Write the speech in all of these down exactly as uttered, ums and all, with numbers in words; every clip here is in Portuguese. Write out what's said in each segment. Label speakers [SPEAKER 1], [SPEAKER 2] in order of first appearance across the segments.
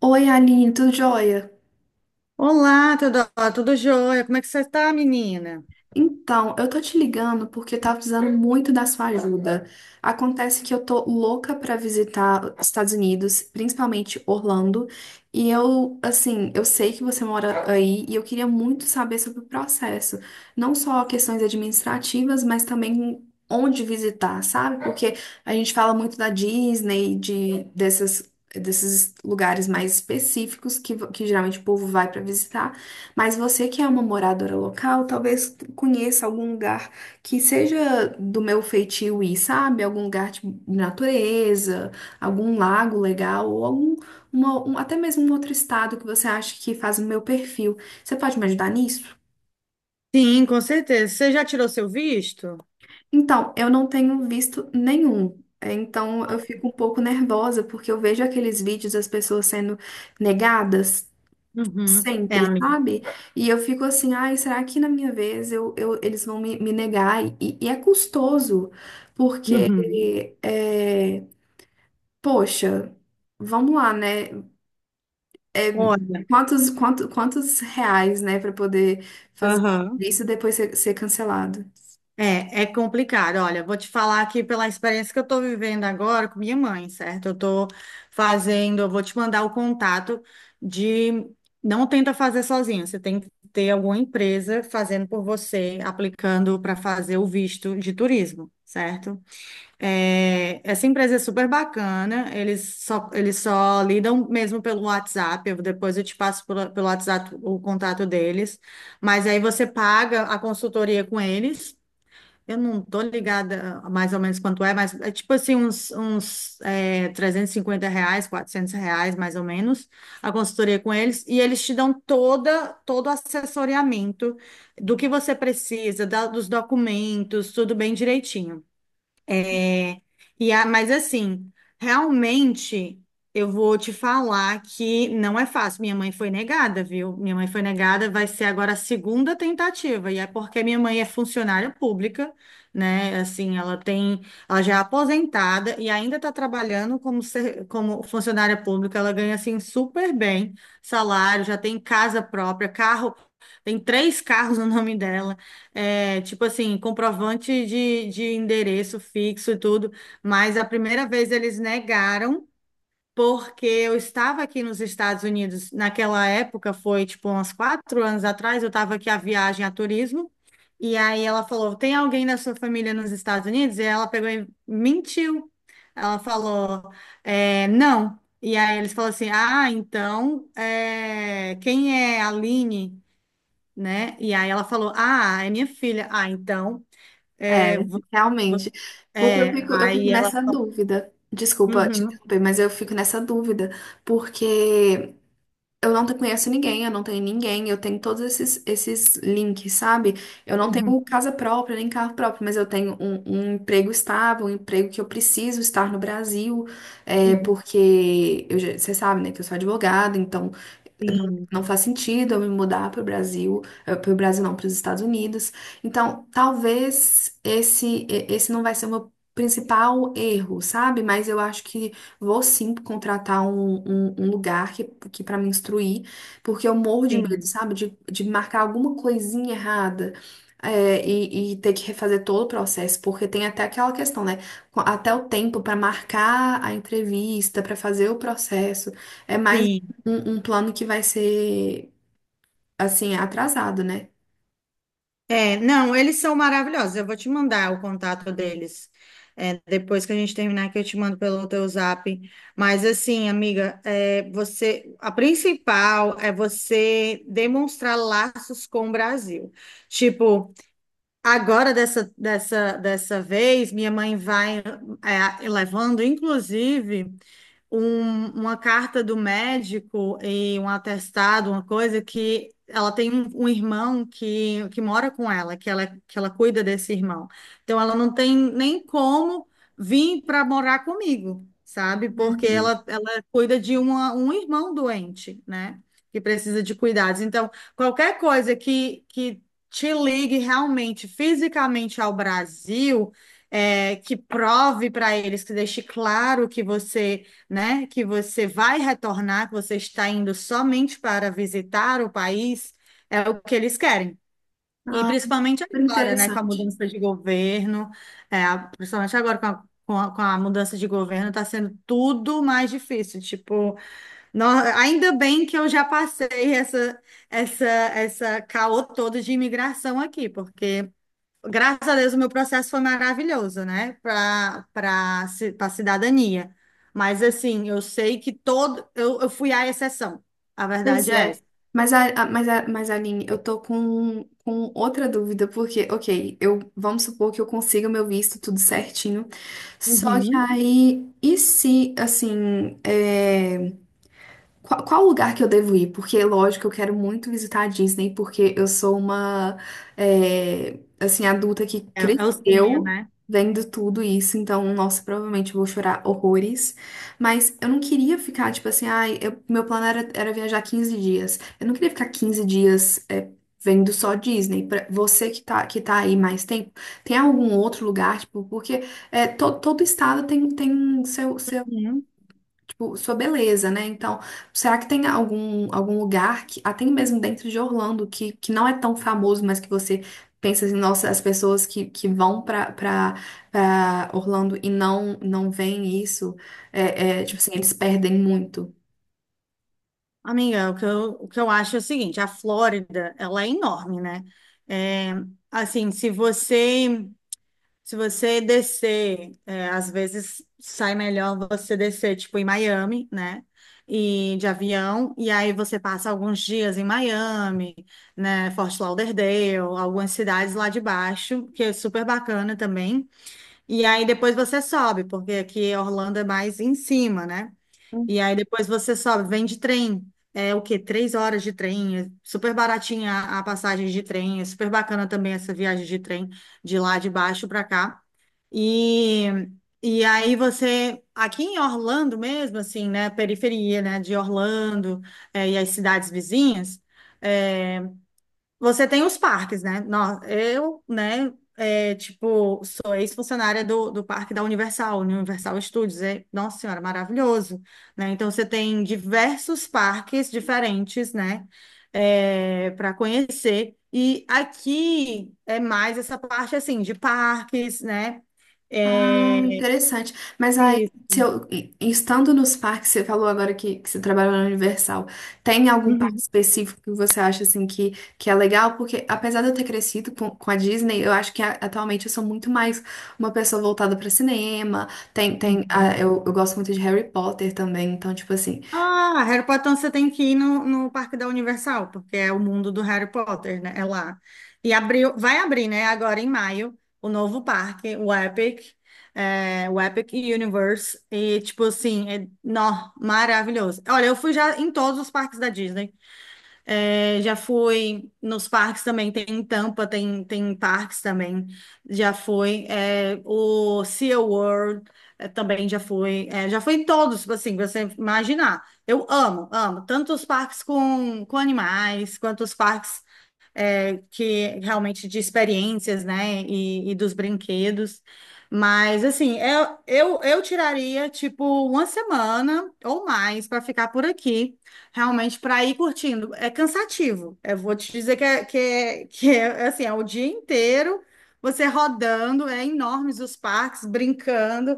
[SPEAKER 1] Oi, Aline, tudo jóia?
[SPEAKER 2] Olá, Teodoro, tudo jóia? Como é que você tá, menina?
[SPEAKER 1] Então, eu tô te ligando porque eu tava precisando muito da sua ajuda. Acontece que eu tô louca pra visitar os Estados Unidos, principalmente Orlando, e eu, assim, eu sei que você mora aí e eu queria muito saber sobre o processo, não só questões administrativas, mas também onde visitar, sabe? Porque a gente fala muito da Disney, de dessas desses lugares mais específicos que, que geralmente o povo vai pra visitar. Mas você que é uma moradora local, talvez conheça algum lugar que seja do meu feitio ir, sabe? Algum lugar de natureza, algum lago legal, ou algum, uma- um- até mesmo um outro estado que você acha que faz o meu perfil. Você pode me ajudar nisso?
[SPEAKER 2] Sim, com certeza. Você já tirou seu visto?
[SPEAKER 1] Então, eu não tenho visto nenhum. É, então, eu fico um pouco nervosa porque eu vejo aqueles vídeos das pessoas sendo negadas.
[SPEAKER 2] Uhum. É,
[SPEAKER 1] Sempre,
[SPEAKER 2] amiga.
[SPEAKER 1] sabe? E eu fico assim, ai, será que na minha vez eu, eu, eles vão me, me negar? E, e é custoso, porque,
[SPEAKER 2] Uhum.
[SPEAKER 1] é, poxa, vamos lá, né?
[SPEAKER 2] Olha,
[SPEAKER 1] Quantos, quanto, quantos reais, né, para poder fazer
[SPEAKER 2] aham.
[SPEAKER 1] isso e depois ser, ser cancelado?
[SPEAKER 2] é, é complicado. Olha, vou te falar aqui pela experiência que eu estou vivendo agora com minha mãe, certo? Eu estou fazendo, eu vou te mandar o contato de. Não tenta fazer sozinho, você tem que ter alguma empresa fazendo por você, aplicando para fazer o visto de turismo, certo? É, essa empresa é super bacana, eles só, eles só lidam mesmo pelo WhatsApp, eu- depois eu te passo pelo, pelo WhatsApp o contato deles, mas aí você paga a consultoria com eles. Eu não tô ligada mais ou menos quanto é, mas é tipo assim uns, uns é, trezentos e cinquenta reais, quatrocentos reais mais ou menos, a consultoria com eles, e eles te dão toda, todo o assessoramento do que você precisa, da- dos documentos, tudo bem direitinho. É, e a, mas assim, realmente eu vou te falar que não é fácil. Minha mãe foi negada, viu? Minha mãe foi negada, vai ser agora a segunda tentativa, e é porque minha mãe é funcionária pública, né? Assim, ela tem, ela já é aposentada e ainda está trabalhando como, ser- como funcionária pública. Ela ganha assim super bem salário, já tem casa própria, carro, tem três carros no nome dela. É, tipo assim, comprovante de, de endereço fixo e tudo, mas a primeira vez eles negaram, porque eu estava aqui nos Estados Unidos, naquela época, foi tipo uns quatro anos atrás, eu estava aqui a viagem a turismo. E aí ela falou: Tem alguém da sua família nos Estados Unidos? E ela pegou e mentiu. Ela falou: é, não. E aí eles falaram assim: Ah, então, é, quem é a Aline? Né? E aí ela falou: Ah, é minha filha. Ah, então.
[SPEAKER 1] É,
[SPEAKER 2] É, vo-
[SPEAKER 1] realmente. Porque eu
[SPEAKER 2] é.
[SPEAKER 1] fico, eu fico
[SPEAKER 2] Aí ela.
[SPEAKER 1] nessa dúvida. Desculpa te
[SPEAKER 2] Uhum,
[SPEAKER 1] interromper, mas eu fico nessa dúvida, porque. Eu não te- Conheço ninguém, eu não tenho ninguém, eu tenho todos esses, esses links, sabe? Eu não
[SPEAKER 2] uhum,
[SPEAKER 1] tenho casa própria, nem carro próprio, mas eu tenho um, um emprego estável, um emprego que eu preciso estar no Brasil, é,
[SPEAKER 2] uhum.
[SPEAKER 1] porque eu já- você sabe, né, que eu sou advogada, então não
[SPEAKER 2] Sim,
[SPEAKER 1] não faz sentido eu me mudar para o Brasil, para o Brasil não, para os Estados Unidos. Então, talvez esse e- esse não vai ser o meu principal erro, sabe? Mas eu acho que vou sim contratar um, um, um lugar que, que para me instruir, porque eu morro de medo,
[SPEAKER 2] sim,
[SPEAKER 1] sabe? De, de marcar alguma coisinha errada. É, e, e ter que refazer todo o processo, porque tem até aquela questão, né? Até o tempo para marcar a entrevista, para fazer o processo. É mais
[SPEAKER 2] sim.
[SPEAKER 1] um, um plano que vai ser, assim, atrasado, né?
[SPEAKER 2] É, não, eles são maravilhosos. Eu vou te mandar o contato deles. É, depois que a gente terminar, que eu te mando pelo teu zap. Mas assim, amiga, é, você, a principal é você demonstrar laços com o Brasil. Tipo, agora, dessa, dessa, dessa vez, minha mãe vai é, levando, inclusive um- uma carta do médico e um atestado, uma coisa que ela tem um, um irmão que, que mora com ela, que ela, que ela cuida desse irmão. Então ela não tem nem como vir para morar comigo, sabe? Porque
[SPEAKER 1] Uhum.
[SPEAKER 2] ela, ela cuida de uma, um irmão doente, né? Que precisa de cuidados. Então, qualquer coisa que, que te ligue realmente fisicamente ao Brasil, é, que prove para eles, que deixe claro que você né? Que você vai retornar, que você está indo somente para visitar o país, é o que eles querem. E
[SPEAKER 1] Ah,
[SPEAKER 2] principalmente
[SPEAKER 1] super
[SPEAKER 2] agora, né? Com a
[SPEAKER 1] interessante.
[SPEAKER 2] mudança de governo, é, a- principalmente agora com a, com a, com a mudança de governo, está sendo tudo mais difícil. Tipo, nó- ainda bem que eu já passei essa, essa, essa caô todo de imigração aqui, porque graças a Deus, o meu processo foi maravilhoso, né? Para para para cidadania. Mas assim, eu sei que todo eu, eu fui a exceção. A
[SPEAKER 1] Pois
[SPEAKER 2] verdade é
[SPEAKER 1] é.
[SPEAKER 2] essa.
[SPEAKER 1] Mas, a, a- mas, a, mas, Aline, eu tô com, com outra dúvida, porque, ok, eu, vamos supor que eu consiga o meu visto tudo certinho, só que
[SPEAKER 2] Uhum.
[SPEAKER 1] aí, e se, assim, é, qual, qual lugar que eu devo ir? Porque, lógico, eu quero muito visitar a Disney, porque eu sou uma, é, assim, adulta que
[SPEAKER 2] É, é o sonho,
[SPEAKER 1] cresceu
[SPEAKER 2] né?
[SPEAKER 1] vendo tudo isso, então, nossa, provavelmente eu vou chorar horrores. Mas eu não queria ficar, tipo assim, ai, eu- meu plano era, era viajar quinze dias. Eu não queria ficar quinze dias, é, vendo só Disney. Pra você que tá, que tá aí mais tempo, tem algum outro lugar, tipo, porque é, to- todo estado tem, tem seu
[SPEAKER 2] Uhum.
[SPEAKER 1] tipo, sua beleza, né? Então, será que tem algum, algum lugar que, até mesmo dentro de Orlando, que, que não é tão famoso, mas que você pensa assim, nossa, as pessoas que, que vão pra, pra, pra Orlando e não, não veem isso, é, é, tipo assim, eles perdem muito.
[SPEAKER 2] Amiga, o que eu, o que eu acho é o seguinte, a Flórida, ela é enorme, né? É, assim, se você Se você descer, é, às vezes sai melhor você descer, tipo, em Miami, né? E de avião, e aí você passa alguns dias em Miami, né? Fort Lauderdale, algumas cidades lá de baixo, que é super bacana também. E aí depois você sobe, porque aqui Orlando é mais em cima, né? E aí depois você sobe, vem de trem. É o quê? Três horas de trem. É super baratinha a a passagem de trem. É super bacana também essa viagem de trem de lá de baixo para cá. E, e aí você, Aqui em Orlando mesmo, assim, né? Periferia, né? De Orlando, é, e as cidades vizinhas. É, você tem os parques, né? Nó- eu, né, é, tipo, sou ex-funcionária do, do parque da Universal, Universal Studios. É, nossa senhora, maravilhoso, né? Então, você tem diversos parques diferentes, né, para conhecer. E aqui é mais essa parte, assim, de parques, né?
[SPEAKER 1] Ah,
[SPEAKER 2] É,
[SPEAKER 1] interessante. Mas aí,
[SPEAKER 2] isso.
[SPEAKER 1] se eu, e- estando nos parques, você falou agora que, que você trabalhou na Universal, tem algum parque
[SPEAKER 2] Uhum.
[SPEAKER 1] específico que você acha assim que, que é legal? Porque apesar de eu ter crescido com, com a Disney, eu acho que a- atualmente eu sou muito mais uma pessoa voltada para cinema. Tem, tem,
[SPEAKER 2] Uhum.
[SPEAKER 1] ah, eu, eu gosto muito de Harry Potter também, então, tipo assim,
[SPEAKER 2] Ah, Harry Potter, então você tem que ir no, no Parque da Universal, porque é o mundo do Harry Potter, né? É lá. E abriu, vai abrir, né? Agora em maio, o novo parque, o Epic, é, o Epic Universe. E, tipo assim, é, nó, maravilhoso. Olha, eu fui já em todos os parques da Disney. É, já fui nos parques também, tem em Tampa, tem, tem parques também, já fui. É, o SeaWorld é, também já fui. É, já fui em todos, tipo assim, pra você imaginar. Eu amo, amo. Tanto os parques com, com animais, quanto os parques é, que realmente de experiências, né, e, e dos brinquedos. Mas, assim, eu, eu, eu tiraria, tipo, uma semana ou mais para ficar por aqui, realmente para ir curtindo. É cansativo, eu vou te dizer que é, que é, que é, assim, é o dia inteiro você rodando, é enormes os parques, brincando.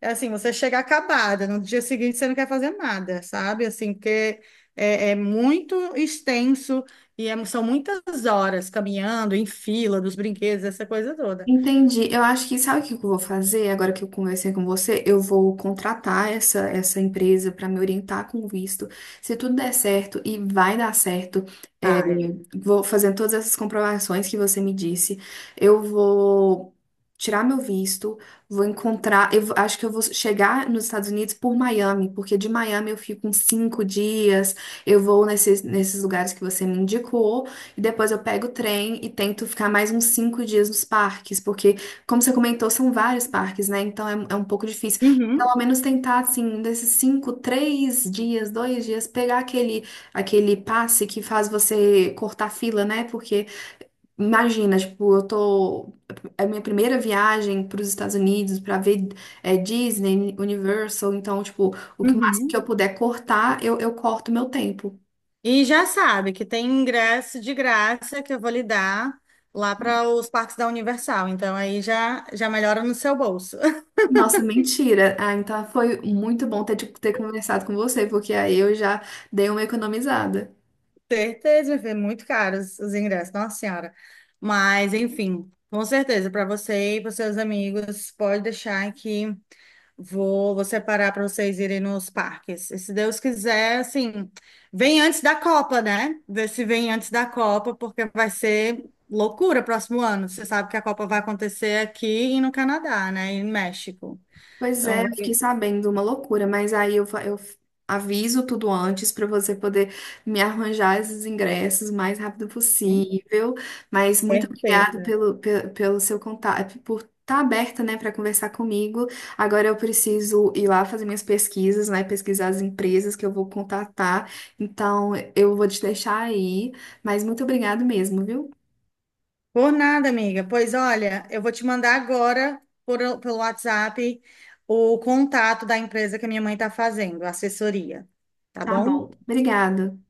[SPEAKER 2] É assim, você chega acabada, no dia seguinte você não quer fazer nada, sabe? Assim, porque é, é muito extenso e é- são muitas horas caminhando em fila dos brinquedos, essa coisa toda.
[SPEAKER 1] entendi. Eu acho que sabe o que eu vou fazer agora que eu conversei com você? Eu vou contratar essa, essa empresa para me orientar com o visto. Se tudo der certo, e vai dar certo, é,
[SPEAKER 2] Vai.
[SPEAKER 1] vou fazendo todas essas comprovações que você me disse. Eu vou tirar meu visto, vou encontrar. Eu vou- acho que eu vou chegar nos Estados Unidos por Miami, porque de Miami eu fico uns cinco dias. Eu vou nesses, nesses lugares que você me indicou, e depois eu pego o trem e tento ficar mais uns cinco dias nos parques, porque, como você comentou, são vários parques, né? Então é, é um pouco difícil.
[SPEAKER 2] Uhum,
[SPEAKER 1] Pelo menos tentar, assim, um desses cinco, três dias, dois dias, pegar aquele. Aquele passe que faz você cortar fila, né? Porque imagina, tipo, eu tô. É a minha primeira viagem para os Estados Unidos para ver é, Disney, Universal. Então, tipo, o que mais que
[SPEAKER 2] uhum.
[SPEAKER 1] eu puder cortar, eu, eu corto meu tempo.
[SPEAKER 2] E já sabe que tem ingresso de graça que eu vou lhe dar lá para os parques da Universal. Então aí já, já melhora no seu bolso.
[SPEAKER 1] Nossa, mentira. Ah, então foi muito bom ter, tipo, ter conversado com você, porque aí eu já dei uma economizada.
[SPEAKER 2] Certeza, meu filho, muito caros os ingressos, nossa senhora. Mas enfim, com certeza, para você e para seus amigos, pode deixar que Vou, vou separar para vocês irem nos parques. E se Deus quiser, assim, vem antes da Copa, né? Vê se vem antes da Copa, porque vai ser loucura próximo ano. Você sabe que a Copa vai acontecer aqui e no Canadá, né? E no México.
[SPEAKER 1] Pois é,
[SPEAKER 2] Então,
[SPEAKER 1] eu fiquei
[SPEAKER 2] vai...
[SPEAKER 1] sabendo uma loucura, mas aí eu, fa- eu aviso tudo antes para você poder me arranjar esses ingressos o mais rápido
[SPEAKER 2] Hum,
[SPEAKER 1] possível. Mas muito obrigado
[SPEAKER 2] certeza.
[SPEAKER 1] pelo, pe- pelo, seu contato, por estar aberta, né, para conversar comigo. Agora eu preciso ir lá fazer minhas pesquisas, né, pesquisar as empresas que eu vou contatar. Então eu vou te deixar aí, mas muito obrigado mesmo, viu?
[SPEAKER 2] Por nada, amiga. Pois olha, eu vou te mandar agora por, pelo WhatsApp o contato da empresa que a minha mãe está fazendo, a assessoria. Tá
[SPEAKER 1] Tá
[SPEAKER 2] bom?
[SPEAKER 1] bom, obrigada.